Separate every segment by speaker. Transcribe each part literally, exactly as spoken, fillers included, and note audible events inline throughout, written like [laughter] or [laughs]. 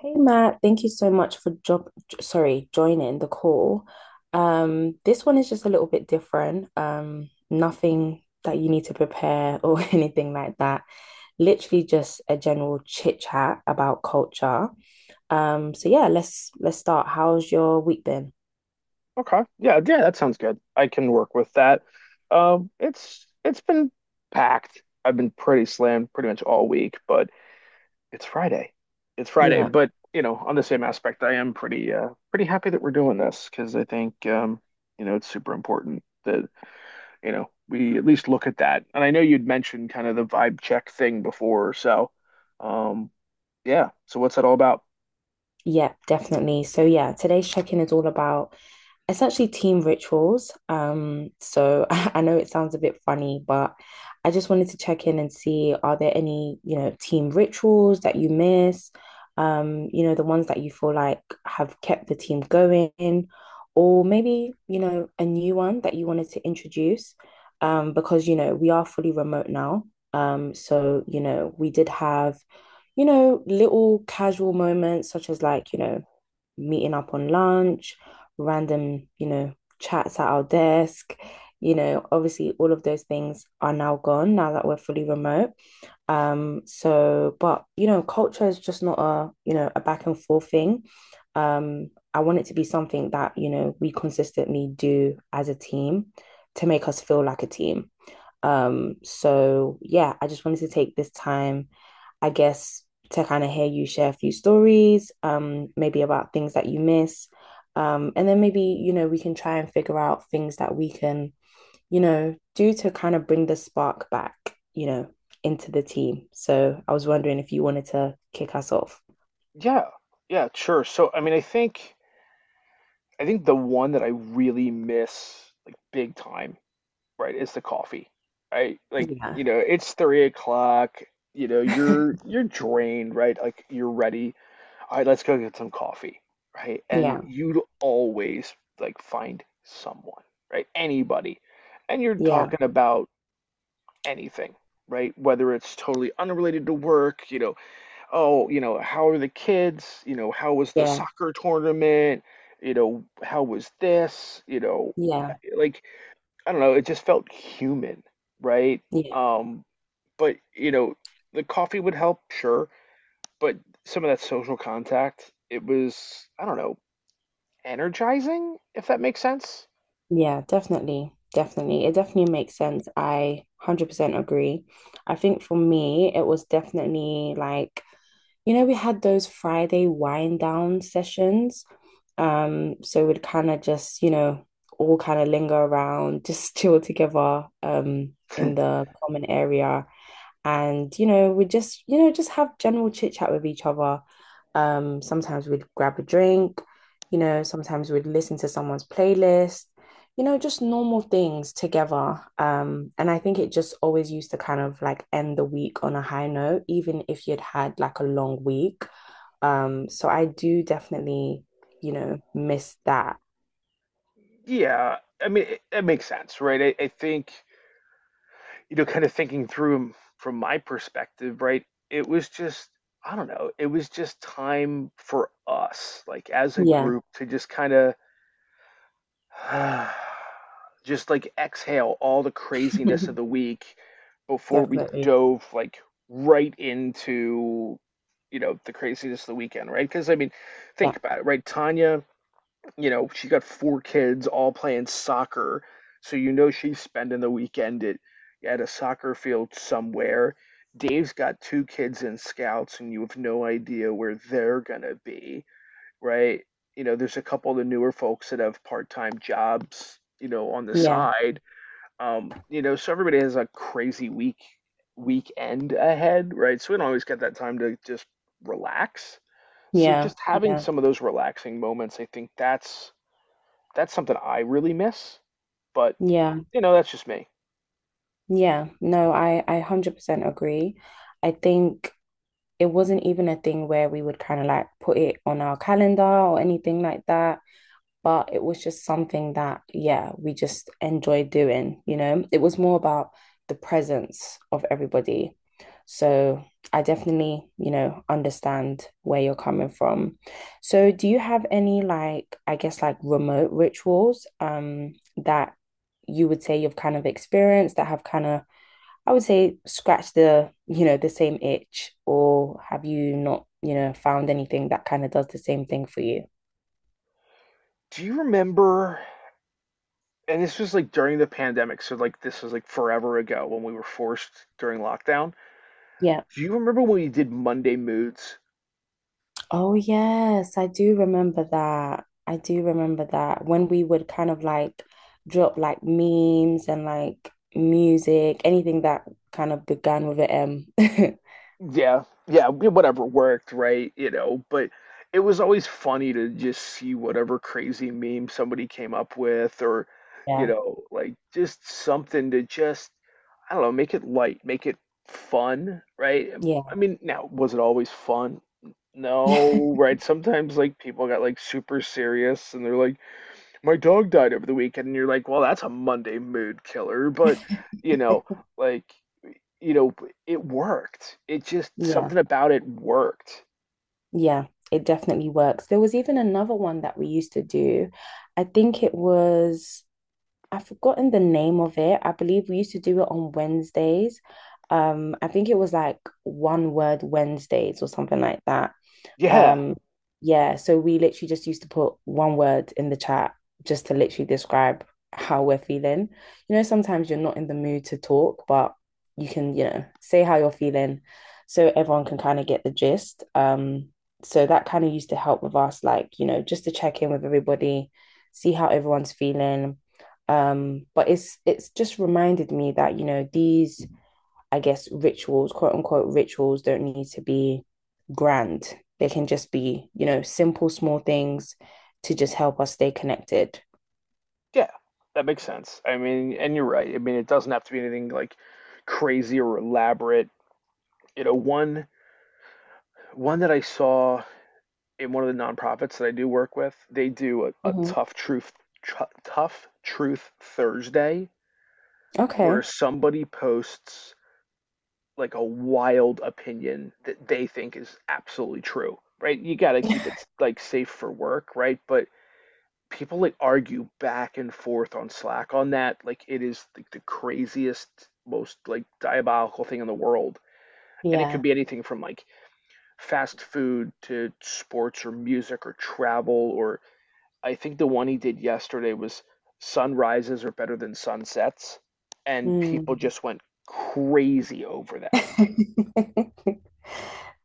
Speaker 1: Hey Matt, thank you so much for job, sorry, joining the call. Um, this one is just a little bit different. Um, nothing that you need to prepare or [laughs] anything like that. Literally just a general chit chat about culture. Um, so yeah, let's let's start. How's your week been?
Speaker 2: Okay. Yeah, yeah, that sounds good. I can work with that. Um, it's it's been packed. I've been pretty slammed pretty much all week, but it's Friday. It's Friday,
Speaker 1: Yeah,
Speaker 2: but you know, on the same aspect, I am pretty uh pretty happy that we're doing this because I think um, you know, it's super important that, you know, we at least look at that. And I know you'd mentioned kind of the vibe check thing before, so um yeah. So what's that all about?
Speaker 1: yeah, definitely. So yeah, today's check-in is all about essentially team rituals. Um, so [laughs] I, I know it sounds a bit funny, but I just wanted to check in and see are there any, you know, team rituals that you miss? Um, you know, the ones that you feel like have kept the team going, or maybe, you know, a new one that you wanted to introduce. Um, because, you know, we are fully remote now. Um, so, you know, we did have you know, little casual moments such as like, you know, meeting up on lunch, random, you know, chats at our desk. You know, obviously, all of those things are now gone now that we're fully remote. Um, so, but you know, culture is just not a you know a back and forth thing. Um, I want it to be something that you know we consistently do as a team to make us feel like a team. Um, so yeah, I just wanted to take this time I guess, to kind of hear you share a few stories, um, maybe about things that you miss. Um, and then maybe, you know, we can try and figure out things that we can, you know, do to kind of bring the spark back, you know, into the team. So I was wondering if you wanted to kick us off.
Speaker 2: Yeah. Yeah, sure. So I mean, I think I think the one that I really miss, like big time, right, is the coffee. Right? Like,
Speaker 1: Yeah.
Speaker 2: you know, it's three o'clock, you know, you're
Speaker 1: [laughs]
Speaker 2: you're drained, right? Like you're ready. All right, let's go get some coffee, right? And
Speaker 1: Yeah.
Speaker 2: you'd always like find someone, right? Anybody. And you're
Speaker 1: Yeah.
Speaker 2: talking about anything, right? Whether it's totally unrelated to work, you know, oh, you know, how are the kids? You know, how was the
Speaker 1: Yeah.
Speaker 2: soccer tournament? You know, how was this? You know,
Speaker 1: Yeah.
Speaker 2: eh, like, I don't know, it just felt human, right?
Speaker 1: Yeah.
Speaker 2: Um, but, you know, the coffee would help, sure, but some of that social contact, it was, I don't know, energizing, if that makes sense.
Speaker 1: Yeah, definitely. Definitely. It definitely makes sense. I one hundred percent agree. I think for me, it was definitely like you know, we had those Friday wind down sessions. Um, so we'd kind of just, you know, all kind of linger around, just [laughs] chill together, um, in the common area and you know we just you know just have general chit chat with each other um sometimes we'd grab a drink, you know, sometimes we'd listen to someone's playlist, you know, just normal things together. Um and I think it just always used to kind of like end the week on a high note even if you'd had like a long week. Um so I do definitely, you know, miss that.
Speaker 2: Yeah, I mean, it, it makes sense, right? I, I think, you know, kind of thinking through from my perspective, right? It was just, I don't know, it was just time for us, like as a
Speaker 1: Yeah.
Speaker 2: group, to just kind of [sighs] just like exhale all the craziness of the
Speaker 1: [laughs]
Speaker 2: week before we
Speaker 1: Definitely.
Speaker 2: dove like right into, you know, the craziness of the weekend, right? Because I mean,
Speaker 1: Yeah,
Speaker 2: think about it, right? Tanya, you know, she's got four kids all playing soccer. So you know she's spending the weekend at at a soccer field somewhere. Dave's got two kids in scouts, and you have no idea where they're gonna be, right? You know, there's a couple of the newer folks that have part-time jobs, you know, on the
Speaker 1: yeah,
Speaker 2: side. Um, you know, so everybody has a crazy week weekend ahead, right? So we don't always get that time to just relax. So
Speaker 1: yeah,
Speaker 2: just having
Speaker 1: yeah,
Speaker 2: some of those relaxing moments, I think that's that's something I really miss, but
Speaker 1: yeah.
Speaker 2: you know, that's just me.
Speaker 1: Yeah, no, I I one hundred percent agree. I think it wasn't even a thing where we would kind of like put it on our calendar or anything like that, but it was just something that yeah, we just enjoyed doing, you know. It was more about the presence of everybody. So, I definitely, you know, understand where you're coming from. So, do you have any like I guess like remote rituals um that you would say you've kind of experienced that have kind of I would say scratch the, you know, the same itch, or have you not, you know, found anything that kind of does the same thing for you?
Speaker 2: Do you remember? And this was like during the pandemic, so like this was like forever ago when we were forced during lockdown.
Speaker 1: Yeah.
Speaker 2: Do you remember when we did Monday Moods?
Speaker 1: Oh, yes, I do remember that. I do remember that when we would kind of like drop like memes and like music, anything that kind of began with an M.
Speaker 2: Yeah, yeah, yeah, whatever worked, right? You know, but it was always funny to just see whatever crazy meme somebody came up with, or,
Speaker 1: [laughs]
Speaker 2: you
Speaker 1: Yeah.
Speaker 2: know, like, just something to just, I don't know, make it light, make it fun, right? I
Speaker 1: Yeah.
Speaker 2: mean, now, was it always fun? No, right? Sometimes like people got like super serious, and they're like, my dog died over the weekend, and you're like, well, that's a Monday mood killer. But you know
Speaker 1: [laughs]
Speaker 2: like, you know it worked. It just,
Speaker 1: Yeah,
Speaker 2: something about it worked.
Speaker 1: yeah, it definitely works. There was even another one that we used to do. I think it was I've forgotten the name of it. I believe we used to do it on Wednesdays. Um, I think it was like one word Wednesdays or something like that.
Speaker 2: Yeah,
Speaker 1: Um, yeah, so we literally just used to put one word in the chat just to literally describe how we're feeling. You know, sometimes you're not in the mood to talk, but you can, you know, say how you're feeling so everyone can kind of get the gist. Um, so that kind of used to help with us, like, you know, just to check in with everybody, see how everyone's feeling. Um, but it's it's just reminded me that, you know, these I guess rituals, quote unquote rituals, don't need to be grand. They can just be, you know, simple, small things to just help us stay connected.
Speaker 2: yeah, that makes sense. I mean, and you're right, I mean, it doesn't have to be anything like crazy or elaborate. You know one one that I saw, in one of the nonprofits that I do work with, they do a, a
Speaker 1: Mm-hmm.
Speaker 2: tough truth tru tough truth Thursday,
Speaker 1: Okay.
Speaker 2: where somebody posts like a wild opinion that they think is absolutely true, right? You got to keep
Speaker 1: [laughs]
Speaker 2: it like safe for work, right? But people like argue back and forth on Slack on that. Like, it is like the craziest, most like diabolical thing in the world. And it could
Speaker 1: Yeah.
Speaker 2: be anything from like fast food to sports or music or travel, or I think the one he did yesterday was, sunrises are better than sunsets, and people
Speaker 1: Mm.
Speaker 2: just went crazy over
Speaker 1: [laughs]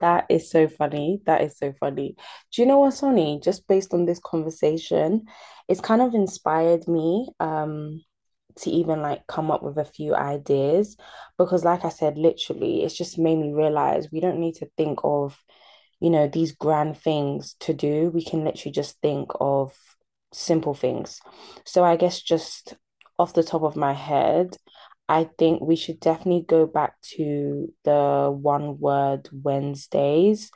Speaker 1: That is so funny. That is so funny. Do you know what, Sonny? Just based on this conversation, it's kind of inspired me um to even like come up with a few ideas because like I said, literally, it's just made me realize we don't need to think of you know, these grand things to do, we can literally just think of simple things. So I guess just off the top of my head, I think we should definitely go back to the one word Wednesdays.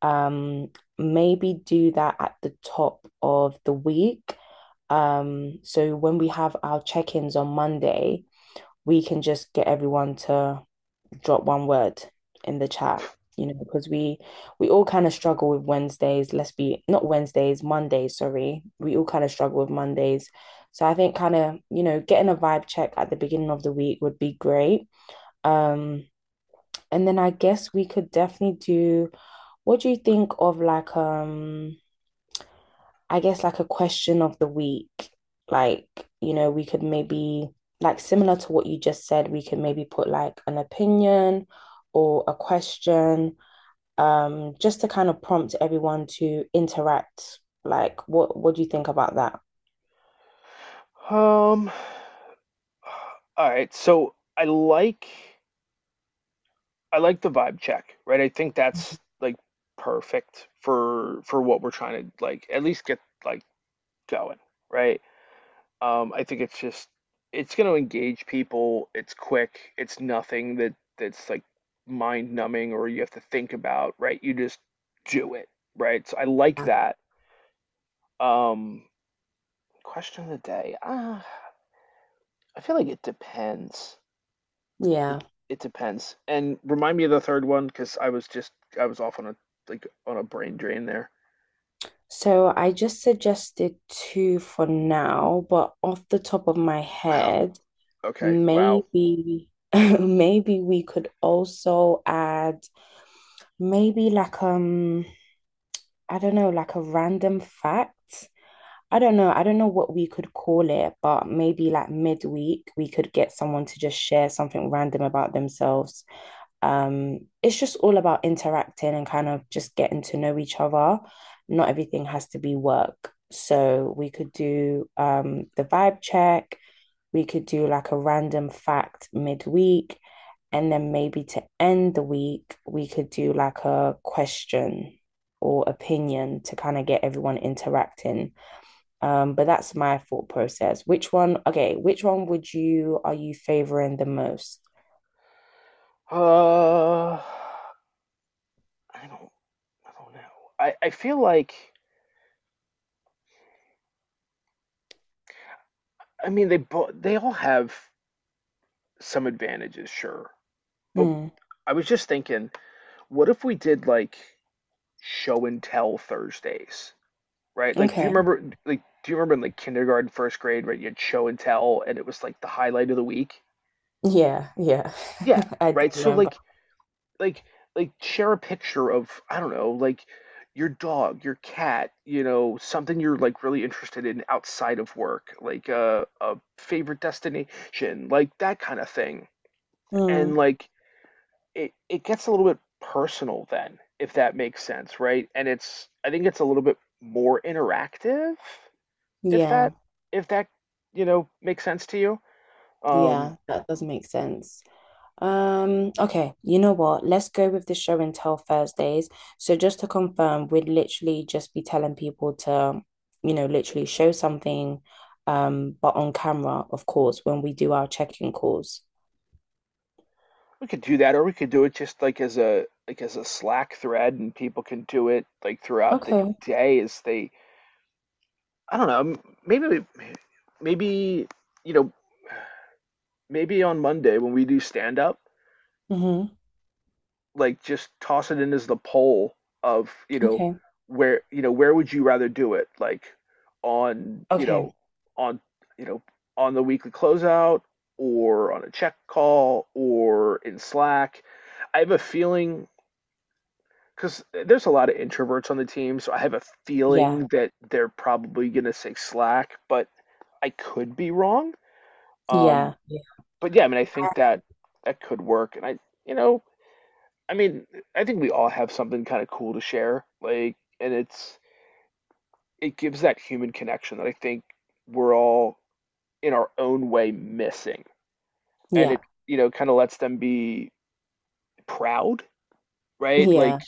Speaker 1: Um, Maybe do that at the top of the week. Um, so when we have our check-ins on Monday, we can just get everyone to drop one word in the chat you know because we we all kind of struggle with Wednesdays, let's be not Wednesdays, Mondays, sorry, we all kind of struggle with Mondays. So I think kind of you know getting a vibe check at the beginning of the week would be great. um and then I guess we could definitely do, what do you think of like um I guess like a question of the week, like, you know, we could maybe like similar to what you just said, we could maybe put like an opinion or a question, um, just to kind of prompt everyone to interact. Like, what what do you think about that?
Speaker 2: that. Um All right, so I like I like the vibe check, right? I think that's like perfect for for what we're trying to like at least get like going, right? Um, I think it's just it's going to engage people. It's quick. It's nothing that that's like mind numbing, or you have to think about, right? You just do it, right? So I like
Speaker 1: Yeah.
Speaker 2: that. Um, question of the day. Uh, I feel like it depends. It
Speaker 1: Yeah.
Speaker 2: it depends. And remind me of the third one, because I was just I was off on a like on a brain drain there.
Speaker 1: So I just suggested two for now, but off the top of my
Speaker 2: Wow.
Speaker 1: head,
Speaker 2: Okay. Wow.
Speaker 1: maybe [laughs] maybe we could also add maybe like um I don't know, like a random fact. I don't know. I don't know what we could call it, but maybe like midweek, we could get someone to just share something random about themselves. Um, it's just all about interacting and kind of just getting to know each other. Not everything has to be work. So we could do um, the vibe check, we could do like a random fact midweek. And then maybe to end the week, we could do like a question or opinion to kind of get everyone interacting. Um, but that's my thought process. Which one, okay, which one would you, are you favoring the most?
Speaker 2: Uh, I don't I don't know. I I feel like, I mean, they both they all have some advantages, sure. But
Speaker 1: Hmm.
Speaker 2: I was just thinking, what if we did like show and tell Thursdays, right? Like, do you
Speaker 1: Okay.
Speaker 2: remember like do you remember in like kindergarten, first grade, right? You had show and tell, and it was like the highlight of the week.
Speaker 1: Yeah, yeah.
Speaker 2: Yeah,
Speaker 1: [laughs] I do
Speaker 2: right. So
Speaker 1: remember.
Speaker 2: like like like share a picture of, I don't know, like your dog, your cat, you know, something you're like really interested in outside of work, like a a favorite destination, like that kind of thing. And
Speaker 1: Hmm.
Speaker 2: like it it gets a little bit personal then, if that makes sense, right? And it's I think it's a little bit more interactive, if
Speaker 1: Yeah,
Speaker 2: that if that, you know, makes sense to you. Um
Speaker 1: yeah, that does make sense. Um, okay, you know what? Let's go with the show and tell Thursdays. So just to confirm, we'd literally just be telling people to, you know, literally show something, um, but on camera, of course, when we do our check-in calls.
Speaker 2: We could do that, or we could do it just like as a like as a Slack thread, and people can do it like throughout the
Speaker 1: Okay.
Speaker 2: day. As they. I don't know. M- Maybe, we- maybe you know, maybe on Monday when we do stand up,
Speaker 1: Mm-hmm.
Speaker 2: like just toss it in as the poll of you know
Speaker 1: Okay.
Speaker 2: where you know where would you rather do it? Like on you
Speaker 1: Okay.
Speaker 2: know on you know on the weekly closeout, or on a check call, or in Slack. I have a feeling, because there's a lot of introverts on the team, so I have a
Speaker 1: Yeah.
Speaker 2: feeling that they're probably going to say Slack, but I could be wrong. Um,
Speaker 1: Yeah. Yeah.
Speaker 2: but yeah, I mean, I think that that could work, and I, you know, I mean, I think we all have something kind of cool to share, like, and it's it gives that human connection that I think we're all in our own way missing, and it,
Speaker 1: Yeah.
Speaker 2: you know, kind of lets them be proud,
Speaker 1: [laughs]
Speaker 2: right? Like,
Speaker 1: Yeah.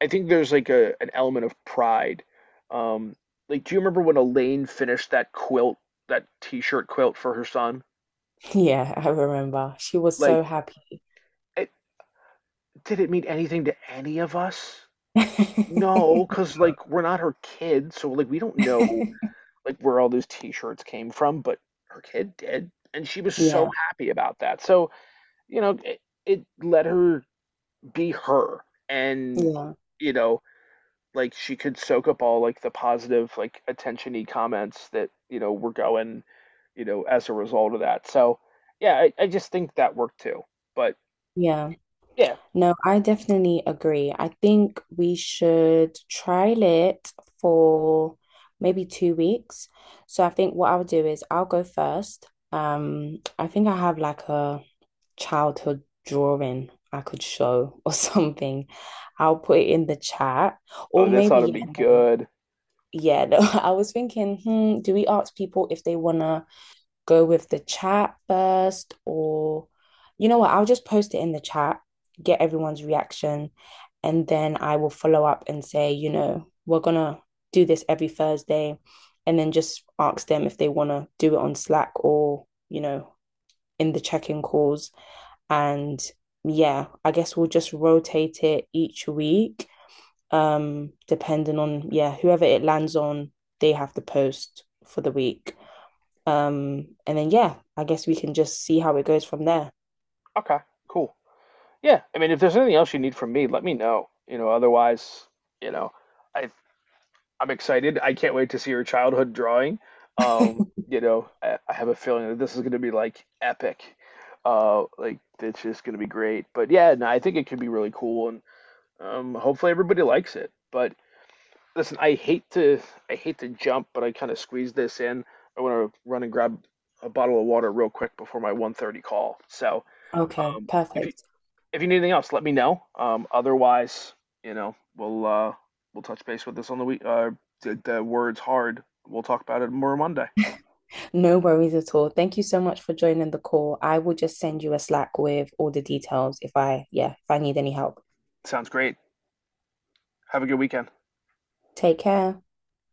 Speaker 2: I think there's like a an element of pride. Um, like, do you remember when Elaine finished that quilt, that t-shirt quilt for her son?
Speaker 1: Yeah. I remember. She was
Speaker 2: Like,
Speaker 1: so happy.
Speaker 2: it, did it mean anything to any of us? No, because
Speaker 1: [laughs]
Speaker 2: like we're not her kid, so like we don't know like where all those t-shirts came from, but her kid did, and she was so
Speaker 1: Yeah.
Speaker 2: happy about that. So, you know, it, it let her be her, and
Speaker 1: Yeah.
Speaker 2: you know, like she could soak up all like the positive like attention-y comments that you know were going you know as a result of that, so yeah, I, I just think that worked too, but
Speaker 1: Yeah.
Speaker 2: yeah.
Speaker 1: No, I definitely agree. I think we should trial it for maybe two weeks. So I think what I'll do is I'll go first. Um, I think I have like a childhood drawing I could show or [laughs] something. I'll put it in the chat. Or
Speaker 2: Oh, this ought to
Speaker 1: maybe,
Speaker 2: be
Speaker 1: yeah, no.
Speaker 2: good.
Speaker 1: Yeah, no. [laughs] I was thinking, hmm, do we ask people if they wanna go with the chat first, or you know what? I'll just post it in the chat, get everyone's reaction, and then I will follow up and say, you know, we're gonna do this every Thursday, and then just ask them if they want to do it on Slack or, you know, in the check in calls. And yeah, I guess we'll just rotate it each week, um, depending on, yeah, whoever it lands on, they have to post for the week. Um, and then yeah, I guess we can just see how it goes from there.
Speaker 2: Okay, cool. Yeah, I mean, if there's anything else you need from me, let me know. You know otherwise, you know i i'm excited. I can't wait to see your childhood drawing. um
Speaker 1: [laughs]
Speaker 2: you know i, I have a feeling that this is going to be like epic, uh like, it's just going to be great. But yeah, no, I think it could be really cool, and Um, hopefully everybody likes it. But listen, I hate to I hate to jump, but I kind of squeeze this in. I want to run and grab a bottle of water real quick before my one thirty call. So,
Speaker 1: Okay,
Speaker 2: um, if you
Speaker 1: perfect.
Speaker 2: if you need anything else, let me know. Um, otherwise, you know, we'll uh, we'll touch base with this on the week. Uh, the, the words hard. We'll talk about it more Monday.
Speaker 1: No worries at all. Thank you so much for joining the call. I will just send you a Slack with all the details if I, yeah, if I need any help.
Speaker 2: Sounds great. Have a good weekend.
Speaker 1: Take care.